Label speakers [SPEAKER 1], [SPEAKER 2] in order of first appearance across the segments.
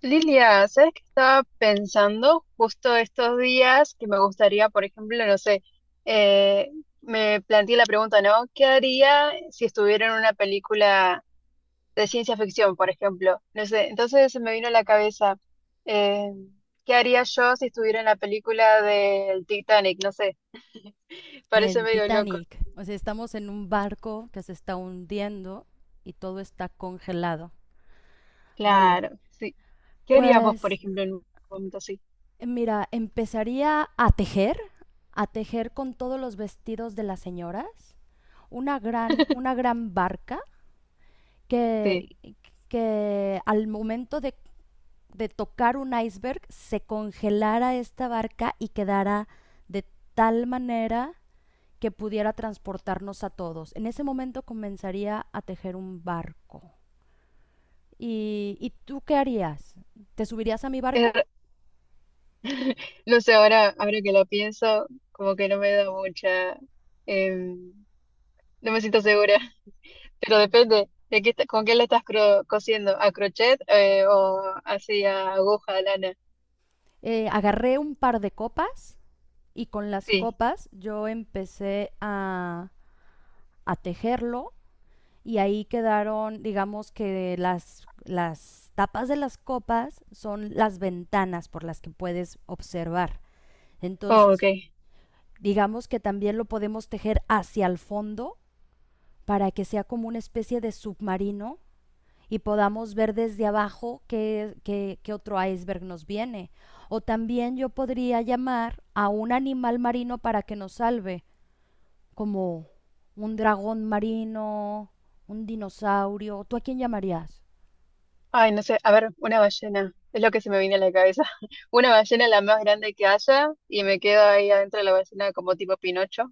[SPEAKER 1] Lilia, ¿sabes qué estaba pensando justo estos días? Que me gustaría, por ejemplo, no sé, eh, me planteé la pregunta, ¿no? ¿Qué haría si estuviera en una película de ciencia ficción, por ejemplo? No sé, entonces se me vino a la cabeza, eh, ¿qué haría yo si estuviera en la película del Titanic? No sé, parece
[SPEAKER 2] El
[SPEAKER 1] medio loco.
[SPEAKER 2] Titanic. O sea, estamos en un barco que se está hundiendo y todo está congelado. Vale.
[SPEAKER 1] Claro, sí. ¿Qué harías vos, por
[SPEAKER 2] Pues
[SPEAKER 1] ejemplo, en un momento así?
[SPEAKER 2] mira, empezaría a tejer con todos los vestidos de las señoras, una gran, una gran barca
[SPEAKER 1] Sí,
[SPEAKER 2] que, que al momento de tocar un iceberg se congelara esta barca y quedara de tal manera que pudiera transportarnos a todos. En ese momento comenzaría a tejer un barco. ¿Y tú qué harías? ¿Te subirías a mi
[SPEAKER 1] es
[SPEAKER 2] barco?
[SPEAKER 1] no sé, ahora que lo pienso, como que no me da mucha, em, no me siento segura, pero depende de qué, con qué lo estás cosiendo, a crochet o así a aguja, lana.
[SPEAKER 2] Agarré un par de copas y con las
[SPEAKER 1] Sí,
[SPEAKER 2] copas yo empecé a tejerlo y ahí quedaron, digamos que las tapas de las copas son las ventanas por las que puedes observar.
[SPEAKER 1] oh, ok.
[SPEAKER 2] Entonces, digamos que también lo podemos tejer hacia el fondo para que sea como una especie de submarino y podamos ver desde abajo qué otro iceberg nos viene. O también yo podría llamar a un animal marino para que nos salve, como un dragón marino, un dinosaurio. ¿Tú a quién llamarías?
[SPEAKER 1] Ay, no sé, a ver, una ballena, es lo que se me viene a la cabeza. Una ballena la más grande que haya y me quedo ahí adentro de la ballena como tipo Pinocho.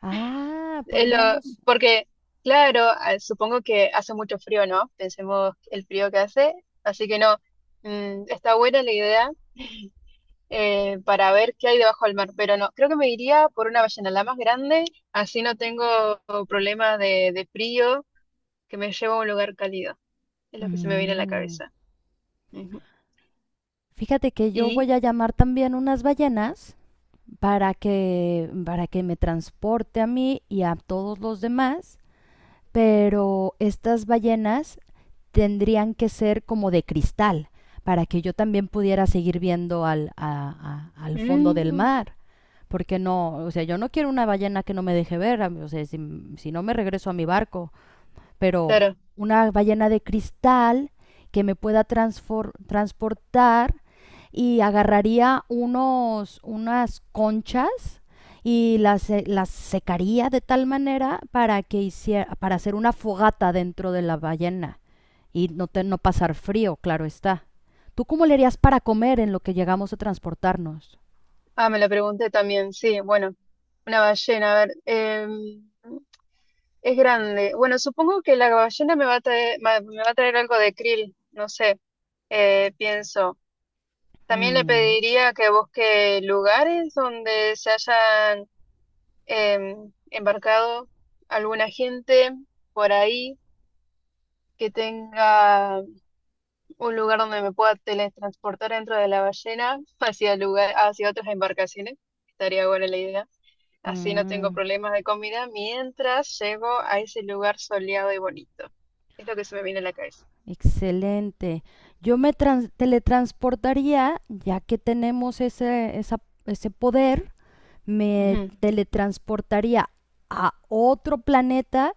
[SPEAKER 2] Ah,
[SPEAKER 1] eh, lo-
[SPEAKER 2] podríamos...
[SPEAKER 1] porque, claro, ah, supongo que hace mucho frío, ¿no? Pensemos el frío que hace, así que no, mm, está buena la idea para ver qué hay debajo del mar, pero no, creo que me iría por una ballena, la más grande, así no tengo problemas de frío que me lleva a un lugar cálido, es lo que se me viene a la
[SPEAKER 2] Mm.
[SPEAKER 1] cabeza. Ujú.
[SPEAKER 2] Fíjate que yo
[SPEAKER 1] Y,
[SPEAKER 2] voy a llamar también unas ballenas para que me transporte a mí y a todos los demás, pero estas ballenas tendrían que ser como de cristal para que yo también pudiera seguir viendo al fondo del
[SPEAKER 1] mm,
[SPEAKER 2] mar. Porque no, o sea, yo no quiero una ballena que no me deje ver, o sea, si no me regreso a mi barco, pero
[SPEAKER 1] claro,
[SPEAKER 2] una ballena de cristal que me pueda transportar, y agarraría unas conchas y las secaría de tal manera para que hiciera, para hacer una fogata dentro de la ballena y no pasar frío, claro está. ¿Tú cómo le harías para comer en lo que llegamos a transportarnos?
[SPEAKER 1] ah, me la pregunté también, sí, bueno, una ballena, a ver. Es grande. Bueno, supongo que la ballena me va a traer, me va a traer algo de krill, no sé, pienso. También le
[SPEAKER 2] Mm,
[SPEAKER 1] pediría que busque lugares donde se hayan embarcado alguna gente por ahí, que tenga un lugar donde me pueda teletransportar dentro de la ballena hacia lugar, hacia otras embarcaciones. Estaría buena la idea. Así no tengo
[SPEAKER 2] mm.
[SPEAKER 1] problemas de comida mientras llego a ese lugar soleado y bonito. Es lo que se me viene a la cabeza.
[SPEAKER 2] Excelente. Yo me teletransportaría, ya que tenemos ese poder, me
[SPEAKER 1] Ujú,
[SPEAKER 2] teletransportaría a otro planeta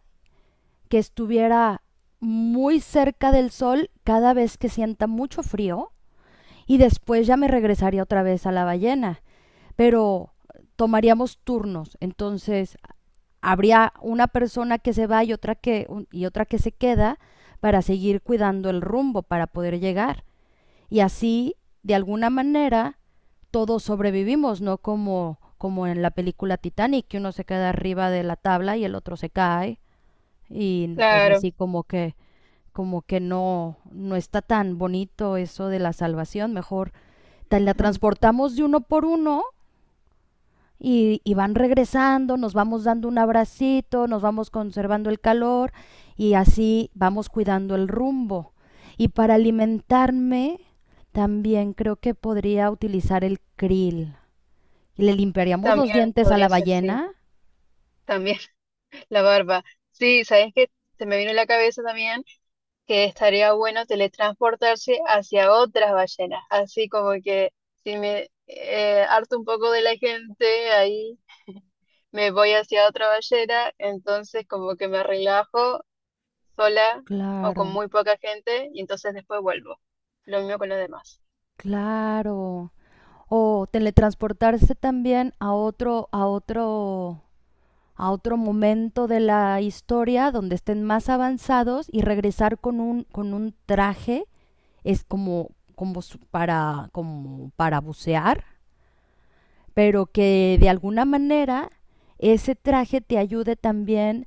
[SPEAKER 2] que estuviera muy cerca del Sol cada vez que sienta mucho frío y después ya me regresaría otra vez a la ballena. Pero tomaríamos turnos, entonces habría una persona que se va y y otra que se queda para seguir cuidando el rumbo, para poder llegar. Y así, de alguna manera, todos sobrevivimos, no como, como en la película Titanic, que uno se queda arriba de la tabla y el otro se cae. Y pues
[SPEAKER 1] claro,
[SPEAKER 2] así como que no, no está tan bonito eso de la salvación, mejor te la transportamos de uno por uno y van regresando, nos vamos dando un abracito, nos vamos conservando el calor y así vamos cuidando el rumbo. Y para alimentarme, también creo que podría utilizar el krill. ¿Y le limpiaríamos los
[SPEAKER 1] también
[SPEAKER 2] dientes a la
[SPEAKER 1] podría ser, sí.
[SPEAKER 2] ballena?
[SPEAKER 1] También la barba. Sí, ¿sabes qué? Se me vino a la cabeza también que estaría bueno teletransportarse hacia otras ballenas. Así como que si me harto un poco de la gente, ahí me voy hacia otra ballena, entonces como que me relajo sola o
[SPEAKER 2] Claro,
[SPEAKER 1] con muy poca gente y entonces después vuelvo. Lo mismo con los demás.
[SPEAKER 2] claro. O teletransportarse también a otro momento de la historia donde estén más avanzados y regresar con un traje, es como, como para bucear, pero que de alguna manera ese traje te ayude también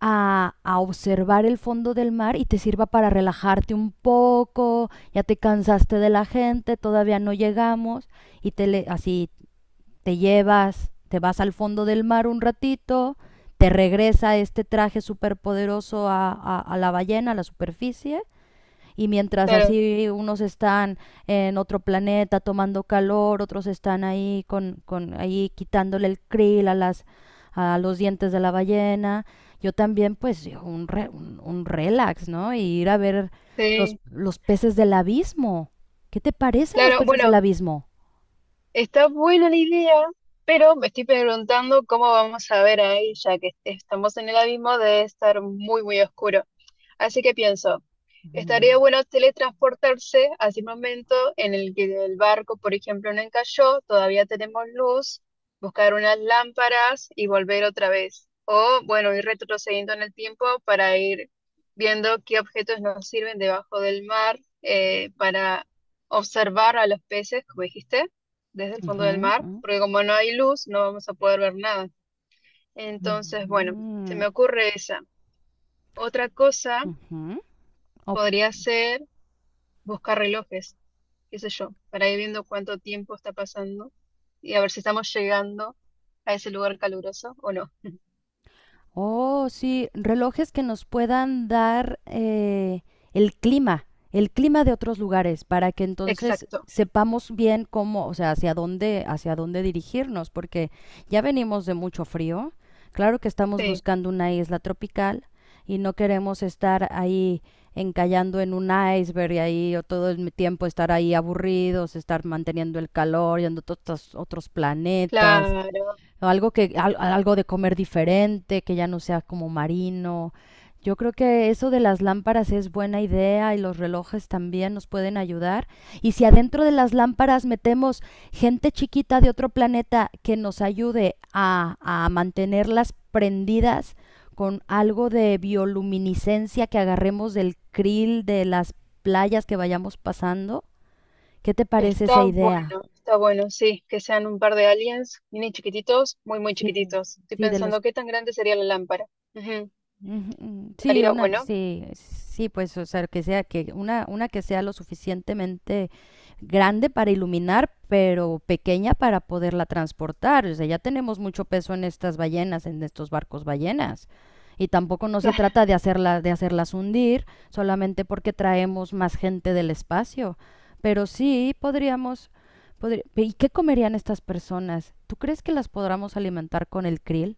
[SPEAKER 2] a observar el fondo del mar y te sirva para relajarte un poco, ya te cansaste de la gente, todavía no llegamos, y así te llevas, te vas al fondo del mar un ratito, te regresa este traje superpoderoso a la ballena, a la superficie, y mientras
[SPEAKER 1] Claro,
[SPEAKER 2] así unos están en otro planeta tomando calor, otros están ahí con ahí quitándole el krill a las a los dientes de la ballena. Yo también pues un relax, ¿no? Y ir a ver
[SPEAKER 1] sí.
[SPEAKER 2] los peces del abismo. ¿Qué te parecen los
[SPEAKER 1] Claro,
[SPEAKER 2] peces del
[SPEAKER 1] bueno,
[SPEAKER 2] abismo?
[SPEAKER 1] está buena la idea, pero me estoy preguntando cómo vamos a ver ahí, ya que estamos en el abismo de estar muy, muy oscuro. Así que pienso,
[SPEAKER 2] Ujú,
[SPEAKER 1] estaría bueno teletransportarse hacia un momento en el que el barco, por ejemplo, no encalló, todavía tenemos luz, buscar unas lámparas y volver otra vez. O, bueno, ir retrocediendo en el tiempo para ir viendo qué objetos nos sirven debajo del mar para observar a los peces, como dijiste, desde el fondo del mar,
[SPEAKER 2] ujú,
[SPEAKER 1] porque como no hay luz, no vamos a poder ver nada. Entonces, bueno,
[SPEAKER 2] ujú,
[SPEAKER 1] se me ocurre esa. Otra cosa
[SPEAKER 2] ujú. Ujú.
[SPEAKER 1] podría ser buscar relojes, qué sé yo, para ir viendo cuánto tiempo está pasando y a ver si estamos llegando a ese lugar caluroso o no.
[SPEAKER 2] Oh, sí, relojes que nos puedan dar el clima de otros lugares, para que entonces
[SPEAKER 1] Exacto,
[SPEAKER 2] sepamos bien cómo, o sea, hacia dónde dirigirnos, porque ya venimos de mucho frío. Claro que estamos
[SPEAKER 1] sí,
[SPEAKER 2] buscando una isla tropical y no queremos estar ahí encallando en un iceberg y ahí o todo el tiempo estar ahí aburridos, estar manteniendo el calor, yendo a todos estos otros planetas
[SPEAKER 1] claro,
[SPEAKER 2] o algo algo de comer diferente, que ya no sea como marino. Yo creo que eso de las lámparas es buena idea y los relojes también nos pueden ayudar. Y si adentro de las lámparas metemos gente chiquita de otro planeta que nos ayude a mantenerlas prendidas con algo de bioluminiscencia que agarremos del krill de las playas que vayamos pasando, ¿qué te parece esa idea?
[SPEAKER 1] está bueno, sí, que sean un par de aliens, mini chiquititos, muy, muy
[SPEAKER 2] Sí,
[SPEAKER 1] chiquititos. Estoy
[SPEAKER 2] sí, de los
[SPEAKER 1] pensando qué tan grande sería la lámpara. Ujú,
[SPEAKER 2] Ujú, sí,
[SPEAKER 1] estaría
[SPEAKER 2] una,
[SPEAKER 1] bueno.
[SPEAKER 2] sí, sí, pues, o sea, que una que sea lo suficientemente grande para iluminar, pero pequeña para poderla transportar. O sea, ya tenemos mucho peso en estas ballenas, en estos barcos ballenas. Y tampoco no se trata de hacerla, de hacerlas hundir, solamente porque traemos más gente del espacio. Pero sí podríamos, ¿y qué comerían estas personas? ¿Tú crees que las podamos alimentar con el krill?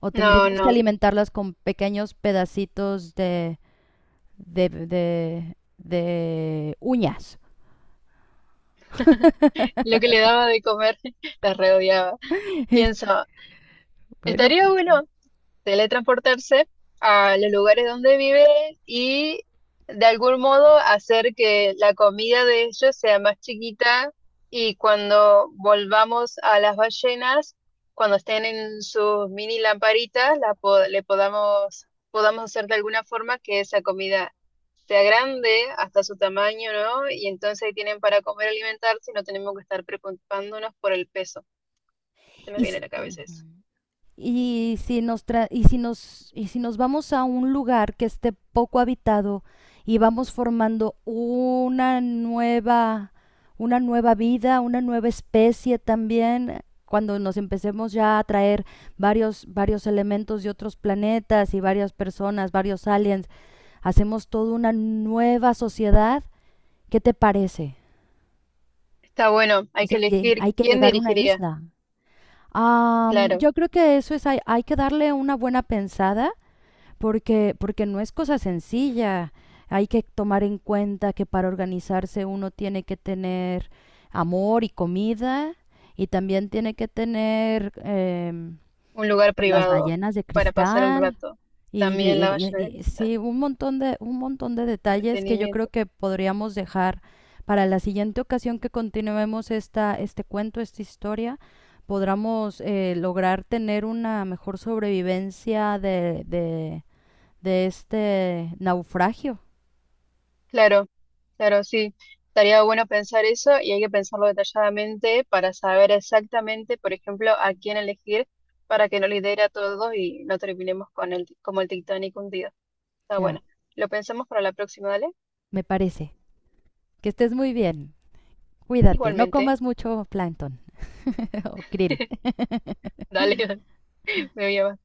[SPEAKER 2] O
[SPEAKER 1] No,
[SPEAKER 2] tendríamos que
[SPEAKER 1] no,
[SPEAKER 2] alimentarlas con pequeños pedacitos de uñas.
[SPEAKER 1] lo que le daba de comer la reodiaba.
[SPEAKER 2] Es
[SPEAKER 1] Pienso,
[SPEAKER 2] que, bueno,
[SPEAKER 1] estaría bueno teletransportarse a los lugares donde vive y de algún modo hacer que la comida de ellos sea más chiquita y cuando volvamos a las ballenas, cuando estén en sus mini lamparitas, le podamos, podamos hacer de alguna forma que esa comida sea grande hasta su tamaño, ¿no? Y entonces ahí tienen para comer, alimentarse y no tenemos que estar preocupándonos por el peso. Se me
[SPEAKER 2] y,
[SPEAKER 1] viene
[SPEAKER 2] s-
[SPEAKER 1] a la cabeza eso.
[SPEAKER 2] y si nos tra- y si nos vamos a un lugar que esté poco habitado y vamos formando una nueva vida, una nueva especie también cuando nos empecemos ya a traer varios varios elementos de otros planetas y varias personas, varios aliens, hacemos toda una nueva sociedad. ¿Qué te parece?
[SPEAKER 1] Está bueno,
[SPEAKER 2] O
[SPEAKER 1] hay
[SPEAKER 2] sea,
[SPEAKER 1] que elegir
[SPEAKER 2] hay que
[SPEAKER 1] quién
[SPEAKER 2] llegar a una
[SPEAKER 1] dirigiría.
[SPEAKER 2] isla. Um,
[SPEAKER 1] Claro,
[SPEAKER 2] yo creo que eso es, hay que darle una buena pensada porque, porque no es cosa sencilla. Hay que tomar en cuenta que para organizarse uno tiene que tener amor y comida y también tiene que tener
[SPEAKER 1] un lugar
[SPEAKER 2] pues las
[SPEAKER 1] privado
[SPEAKER 2] ballenas de
[SPEAKER 1] para pasar el
[SPEAKER 2] cristal.
[SPEAKER 1] rato. También la Ballena del Cristal,
[SPEAKER 2] Sí, un montón de detalles que yo creo
[SPEAKER 1] entretenimiento.
[SPEAKER 2] que podríamos dejar para la siguiente ocasión que continuemos esta, este cuento, esta historia, podamos lograr tener una mejor sobrevivencia de este naufragio.
[SPEAKER 1] Claro, claro, sí. Estaría bueno pensar eso y hay que pensarlo detalladamente para saber exactamente, por ejemplo, a quién elegir para que no lidere a todos y no terminemos con el, como el Titanic hundido. Está
[SPEAKER 2] Ya,
[SPEAKER 1] bueno. Lo pensamos para la próxima, dale.
[SPEAKER 2] me parece. Que estés muy bien. Cuídate, no
[SPEAKER 1] Igualmente.
[SPEAKER 2] comas mucho plancton o krill.
[SPEAKER 1] Dale, me voy a